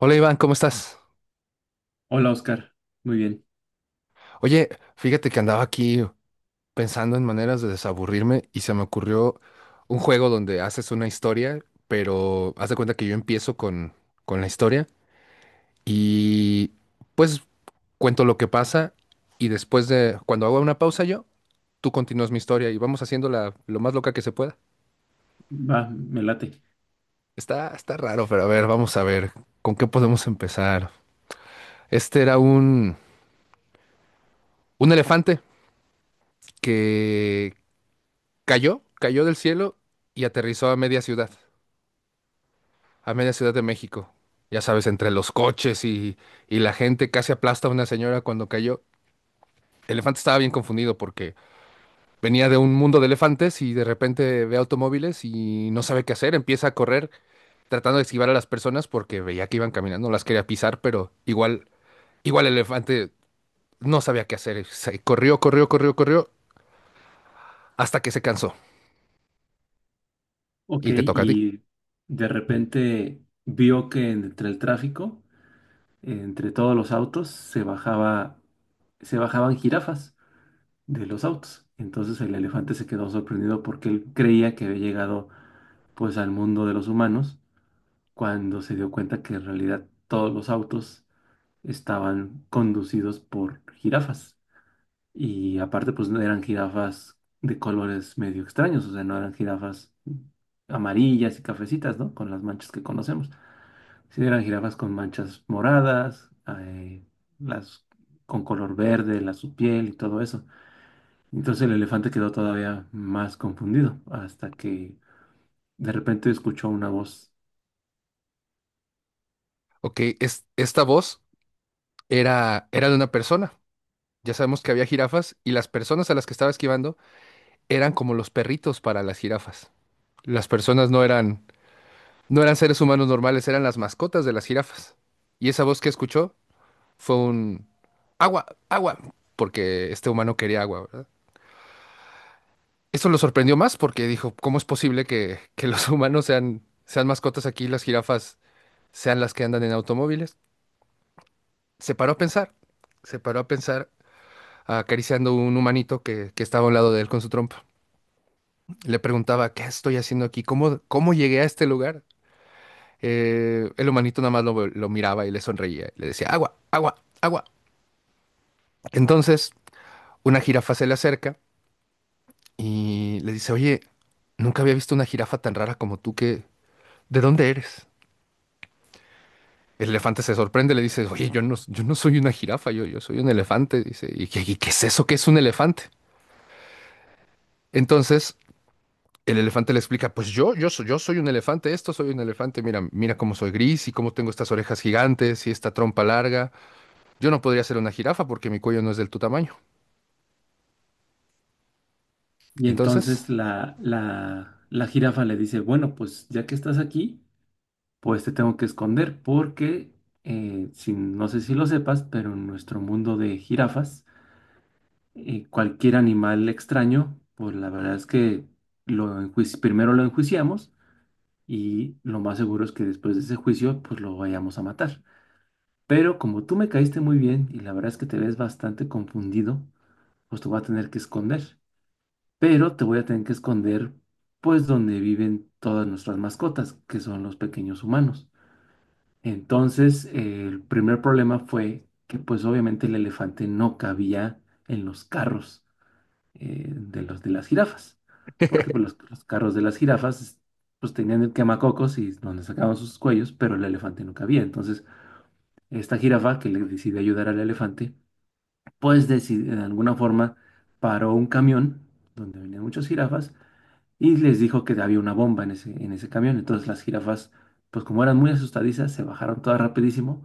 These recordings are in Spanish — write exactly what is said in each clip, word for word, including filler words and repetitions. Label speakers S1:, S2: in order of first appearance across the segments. S1: Hola Iván, ¿cómo estás?
S2: Hola Oscar, muy bien,
S1: Oye, fíjate que andaba aquí pensando en maneras de desaburrirme y se me ocurrió un juego donde haces una historia, pero haz de cuenta que yo empiezo con, con la historia y pues cuento lo que pasa y después de cuando hago una pausa yo, tú continúas mi historia y vamos haciéndola lo más loca que se pueda.
S2: va, me late.
S1: Está, está raro, pero a ver, vamos a ver, ¿con qué podemos empezar? Este era un, un elefante que. Cayó, cayó del cielo y aterrizó a media ciudad, a media ciudad de México. Ya sabes, entre los coches y, y la gente casi aplasta a una señora cuando cayó. El elefante estaba bien confundido porque venía de un mundo de elefantes y de repente ve automóviles y no sabe qué hacer. Empieza a correr tratando de esquivar a las personas porque veía que iban caminando, las quería pisar, pero igual, igual el elefante no sabía qué hacer. Se corrió, corrió, corrió, corrió hasta que se cansó.
S2: Ok,
S1: Y te toca a ti.
S2: y de repente vio que entre el tráfico, entre todos los autos, se bajaba, se bajaban jirafas de los autos. Entonces el elefante se quedó sorprendido porque él creía que había llegado pues al mundo de los humanos cuando se dio cuenta que en realidad todos los autos estaban conducidos por jirafas. Y aparte, pues no eran jirafas de colores medio extraños, o sea, no eran jirafas amarillas y cafecitas, ¿no? Con las manchas que conocemos. Sí, eran jirafas con manchas moradas, eh, las con color verde, la su piel y todo eso. Entonces el elefante quedó todavía más confundido hasta que de repente escuchó una voz.
S1: Ok, es, esta voz era, era de una persona. Ya sabemos que había jirafas y las personas a las que estaba esquivando eran como los perritos para las jirafas. Las personas no eran, no eran seres humanos normales, eran las mascotas de las jirafas. Y esa voz que escuchó fue un agua, agua, porque este humano quería agua, ¿verdad? Eso lo sorprendió más porque dijo, ¿cómo es posible que, que los humanos sean, sean mascotas aquí y las jirafas sean las que andan en automóviles? Se paró a pensar, se paró a pensar acariciando un humanito que, que estaba a un lado de él con su trompa. Le preguntaba, ¿qué estoy haciendo aquí? ¿Cómo, cómo llegué a este lugar? Eh, el humanito nada más lo, lo miraba y le sonreía y le decía, agua, agua, agua. Entonces, una jirafa se le acerca y le dice, oye, nunca había visto una jirafa tan rara como tú, ¿Qué ¿de dónde eres? El elefante se sorprende, le dice, oye, yo no, yo no soy una jirafa, yo, yo soy un elefante. Dice, ¿y qué, y qué es eso? ¿Qué es un elefante? Entonces, el elefante le explica, pues yo, yo soy, yo soy un elefante, esto soy un elefante, mira, mira cómo soy gris y cómo tengo estas orejas gigantes y esta trompa larga. Yo no podría ser una jirafa porque mi cuello no es del tu tamaño.
S2: Y
S1: Entonces,
S2: entonces la, la, la jirafa le dice, bueno, pues ya que estás aquí, pues te tengo que esconder porque, eh, si- no sé si lo sepas, pero en nuestro mundo de jirafas, eh, cualquier animal extraño, pues la verdad es que lo enjuici- primero lo enjuiciamos y lo más seguro es que después de ese juicio, pues lo vayamos a matar. Pero como tú me caíste muy bien y la verdad es que te ves bastante confundido, pues te voy a tener que esconder. Pero te voy a tener que esconder, pues donde viven todas nuestras mascotas, que son los pequeños humanos. Entonces, eh, el primer problema fue que pues obviamente el elefante no cabía en los carros, eh, de los de las jirafas, porque pues, los, los carros de las jirafas pues tenían el quemacocos y donde sacaban sus cuellos, pero el elefante no cabía. Entonces, esta jirafa que le decidió ayudar al elefante, pues decid- de alguna forma paró un camión donde venían muchas jirafas y les dijo que había una bomba en ese, en ese camión. Entonces las jirafas, pues como eran muy asustadizas, se bajaron todas rapidísimo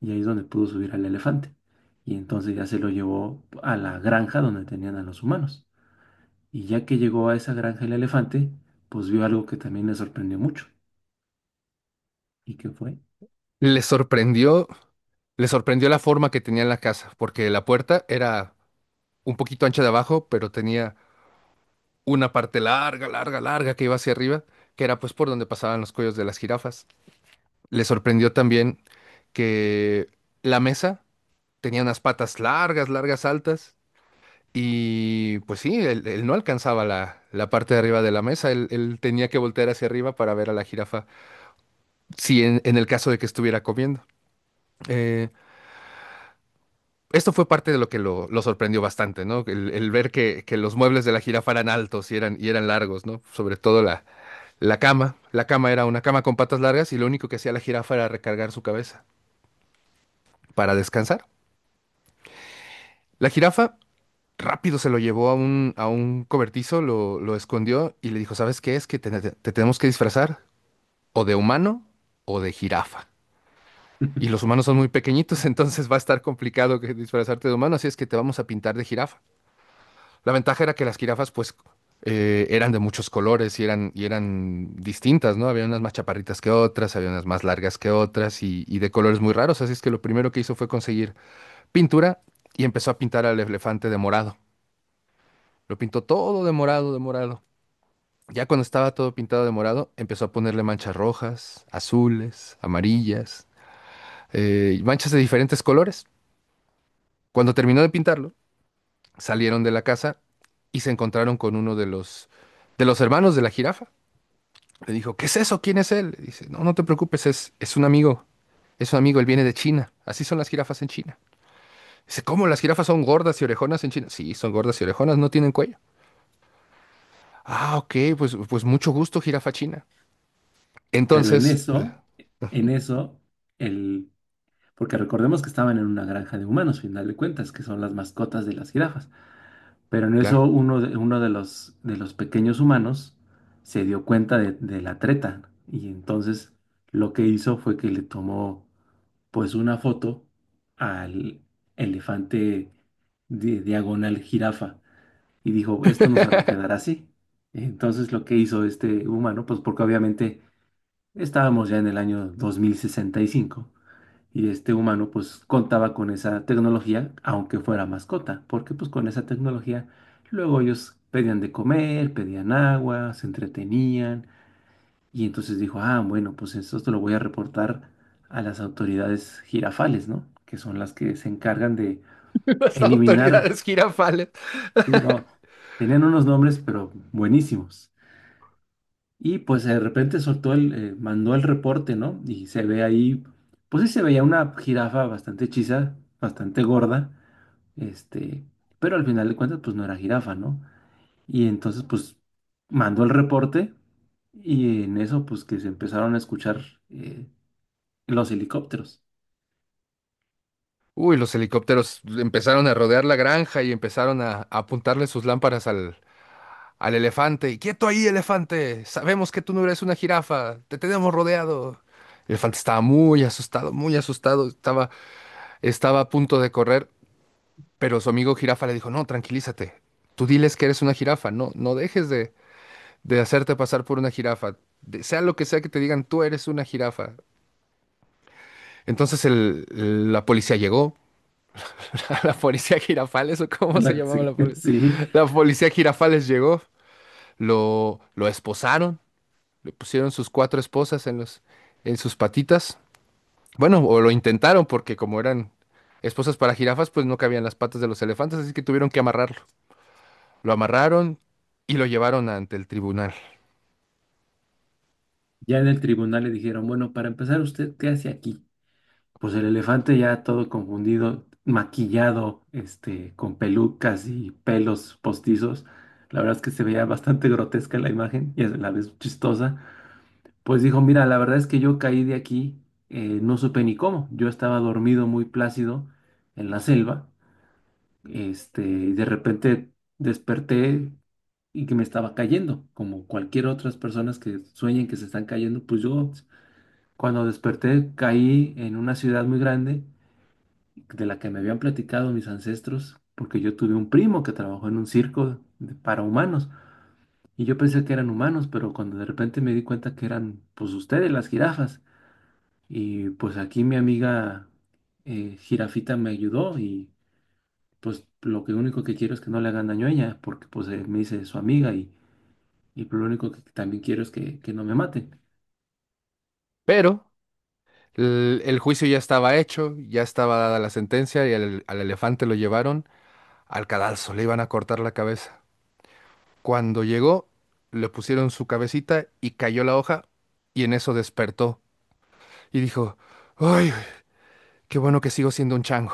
S2: y ahí es donde pudo subir al elefante. Y entonces ya se lo llevó a la granja donde tenían a los humanos. Y ya que llegó a esa granja el elefante, pues vio algo que también le sorprendió mucho. ¿Y qué fue?
S1: le sorprendió, le sorprendió la forma que tenía en la casa, porque la puerta era un poquito ancha de abajo, pero tenía una parte larga, larga, larga que iba hacia arriba, que era pues por donde pasaban los cuellos de las jirafas. Le sorprendió también que la mesa tenía unas patas largas, largas, altas. Y pues sí, él, él no alcanzaba la, la parte de arriba de la mesa, él, él tenía que voltear hacia arriba para ver a la jirafa, si en, en el caso de que estuviera comiendo. Eh, Esto fue parte de lo que lo, lo sorprendió bastante, ¿no? El, el ver que, que los muebles de la jirafa eran altos y eran, y eran largos, ¿no? Sobre todo la, la cama. La cama era una cama con patas largas y lo único que hacía la jirafa era recargar su cabeza para descansar. La jirafa rápido se lo llevó a un, a un cobertizo, lo, lo escondió y le dijo, ¿sabes qué? Es que te te tenemos que disfrazar, o de humano o de jirafa. Y los humanos son muy pequeñitos, entonces va a estar complicado que disfrazarte de humano, así es que te vamos a pintar de jirafa. La ventaja era que las jirafas, pues, eh, eran de muchos colores y eran, y eran distintas, ¿no? Había unas más chaparritas que otras, había unas más largas que otras y, y de colores muy raros, así es que lo primero que hizo fue conseguir pintura y empezó a pintar al elefante de morado. Lo pintó todo de morado, de morado. Ya cuando estaba todo pintado de morado, empezó a ponerle manchas rojas, azules, amarillas, eh, manchas de diferentes colores. Cuando terminó de pintarlo, salieron de la casa y se encontraron con uno de los, de los hermanos de la jirafa. Le dijo, ¿qué es eso? ¿Quién es él? Le dice, no, no te preocupes, es, es un amigo, es un amigo, él viene de China. Así son las jirafas en China. Dice, ¿cómo las jirafas son gordas y orejonas en China? Sí, son gordas y orejonas, no tienen cuello. Ah, ok, pues, pues mucho gusto, jirafa china.
S2: Pero en
S1: Entonces, pues,
S2: eso, en eso, el... porque recordemos que estaban en una granja de humanos, final de cuentas, que son las mascotas de las jirafas. Pero en eso
S1: claro,
S2: uno de, uno de los, de los pequeños humanos se dio cuenta de, de la treta. Y entonces lo que hizo fue que le tomó pues una foto al elefante de diagonal jirafa y dijo, esto nos va a quedar así. Entonces lo que hizo este humano, pues porque obviamente estábamos ya en el año dos mil sesenta y cinco y este humano pues contaba con esa tecnología, aunque fuera mascota, porque pues con esa tecnología luego ellos pedían de comer, pedían agua, se entretenían y entonces dijo, ah, bueno, pues esto te lo voy a reportar a las autoridades jirafales, ¿no? Que son las que se encargan de
S1: las
S2: eliminar,
S1: autoridades jirafales.
S2: ¿sí? No, tenían unos nombres, pero buenísimos. Y pues de repente soltó el, eh, mandó el reporte, ¿no? Y se ve ahí, pues sí se veía una jirafa bastante hechiza, bastante gorda, este, pero al final de cuentas, pues no era jirafa, ¿no? Y entonces, pues mandó el reporte y en eso, pues que se empezaron a escuchar, eh, los helicópteros.
S1: Uy, los helicópteros empezaron a rodear la granja y empezaron a, a apuntarle sus lámparas al, al elefante. Y, ¡Quieto ahí, elefante! Sabemos que tú no eres una jirafa. Te tenemos rodeado. El elefante estaba muy asustado, muy asustado. Estaba, estaba a punto de correr, pero su amigo jirafa le dijo, no, tranquilízate. Tú diles que eres una jirafa. No, no dejes de, de hacerte pasar por una jirafa. De- sea lo que sea que te digan, tú eres una jirafa. Entonces el- la policía llegó. La policía Girafales, o cómo
S2: Es
S1: se
S2: la-
S1: llamaba la
S2: Sí,
S1: policía.
S2: sí.
S1: La policía Girafales llegó, lo, lo esposaron, le pusieron sus cuatro esposas en los, en sus patitas. Bueno, o lo intentaron porque como eran esposas para jirafas, pues no cabían las patas de los elefantes, así que tuvieron que amarrarlo. Lo amarraron y lo llevaron ante el tribunal.
S2: Ya en el tribunal le dijeron, bueno, para empezar, ¿usted qué hace aquí? Pues el elefante ya todo confundido, maquillado, este, con pelucas y pelos postizos. La verdad es que se veía bastante grotesca la imagen y a la vez chistosa. Pues dijo, mira, la verdad es que yo caí de aquí, eh, no supe ni cómo. Yo estaba dormido muy plácido en la selva. Este, y de repente desperté y que me estaba cayendo, como cualquier otras personas que sueñen que se están cayendo, pues yo cuando desperté caí en una ciudad muy grande de la que me habían platicado mis ancestros, porque yo tuve un primo que trabajó en un circo de- para humanos y yo pensé que eran humanos, pero cuando de repente me di cuenta que eran pues ustedes las jirafas y pues aquí mi amiga eh, jirafita me ayudó y pues lo que único que quiero es que no le hagan daño a ella, porque pues eh, me hice su amiga y Y lo único que también quiero es que, que no me maten.
S1: Pero el, el juicio ya estaba hecho, ya estaba dada la sentencia y al, al elefante lo llevaron al cadalso, le iban a cortar la cabeza. Cuando llegó, le pusieron su cabecita y cayó la hoja y en eso despertó y dijo, ¡ay, qué bueno que sigo siendo un chango!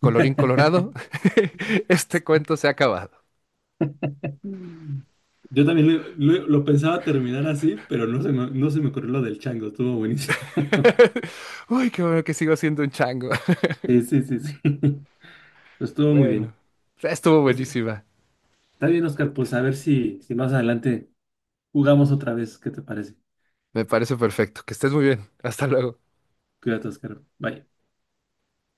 S1: Colorín colorado, este cuento se ha acabado.
S2: Mm. Yo también lo, lo- lo pensaba terminar así, pero no se me, no se me ocurrió lo del chango, estuvo buenísimo.
S1: ¡Uy, qué bueno que sigo siendo un chango!
S2: Sí, sí, sí, sí. Pues estuvo muy
S1: Bueno,
S2: bien.
S1: estuvo
S2: Pues, está
S1: buenísima.
S2: bien, Oscar. Pues a ver si, si más adelante jugamos otra vez. ¿Qué te parece?
S1: Me parece perfecto. Que estés muy bien. Hasta luego.
S2: Cuídate, Oscar. Bye.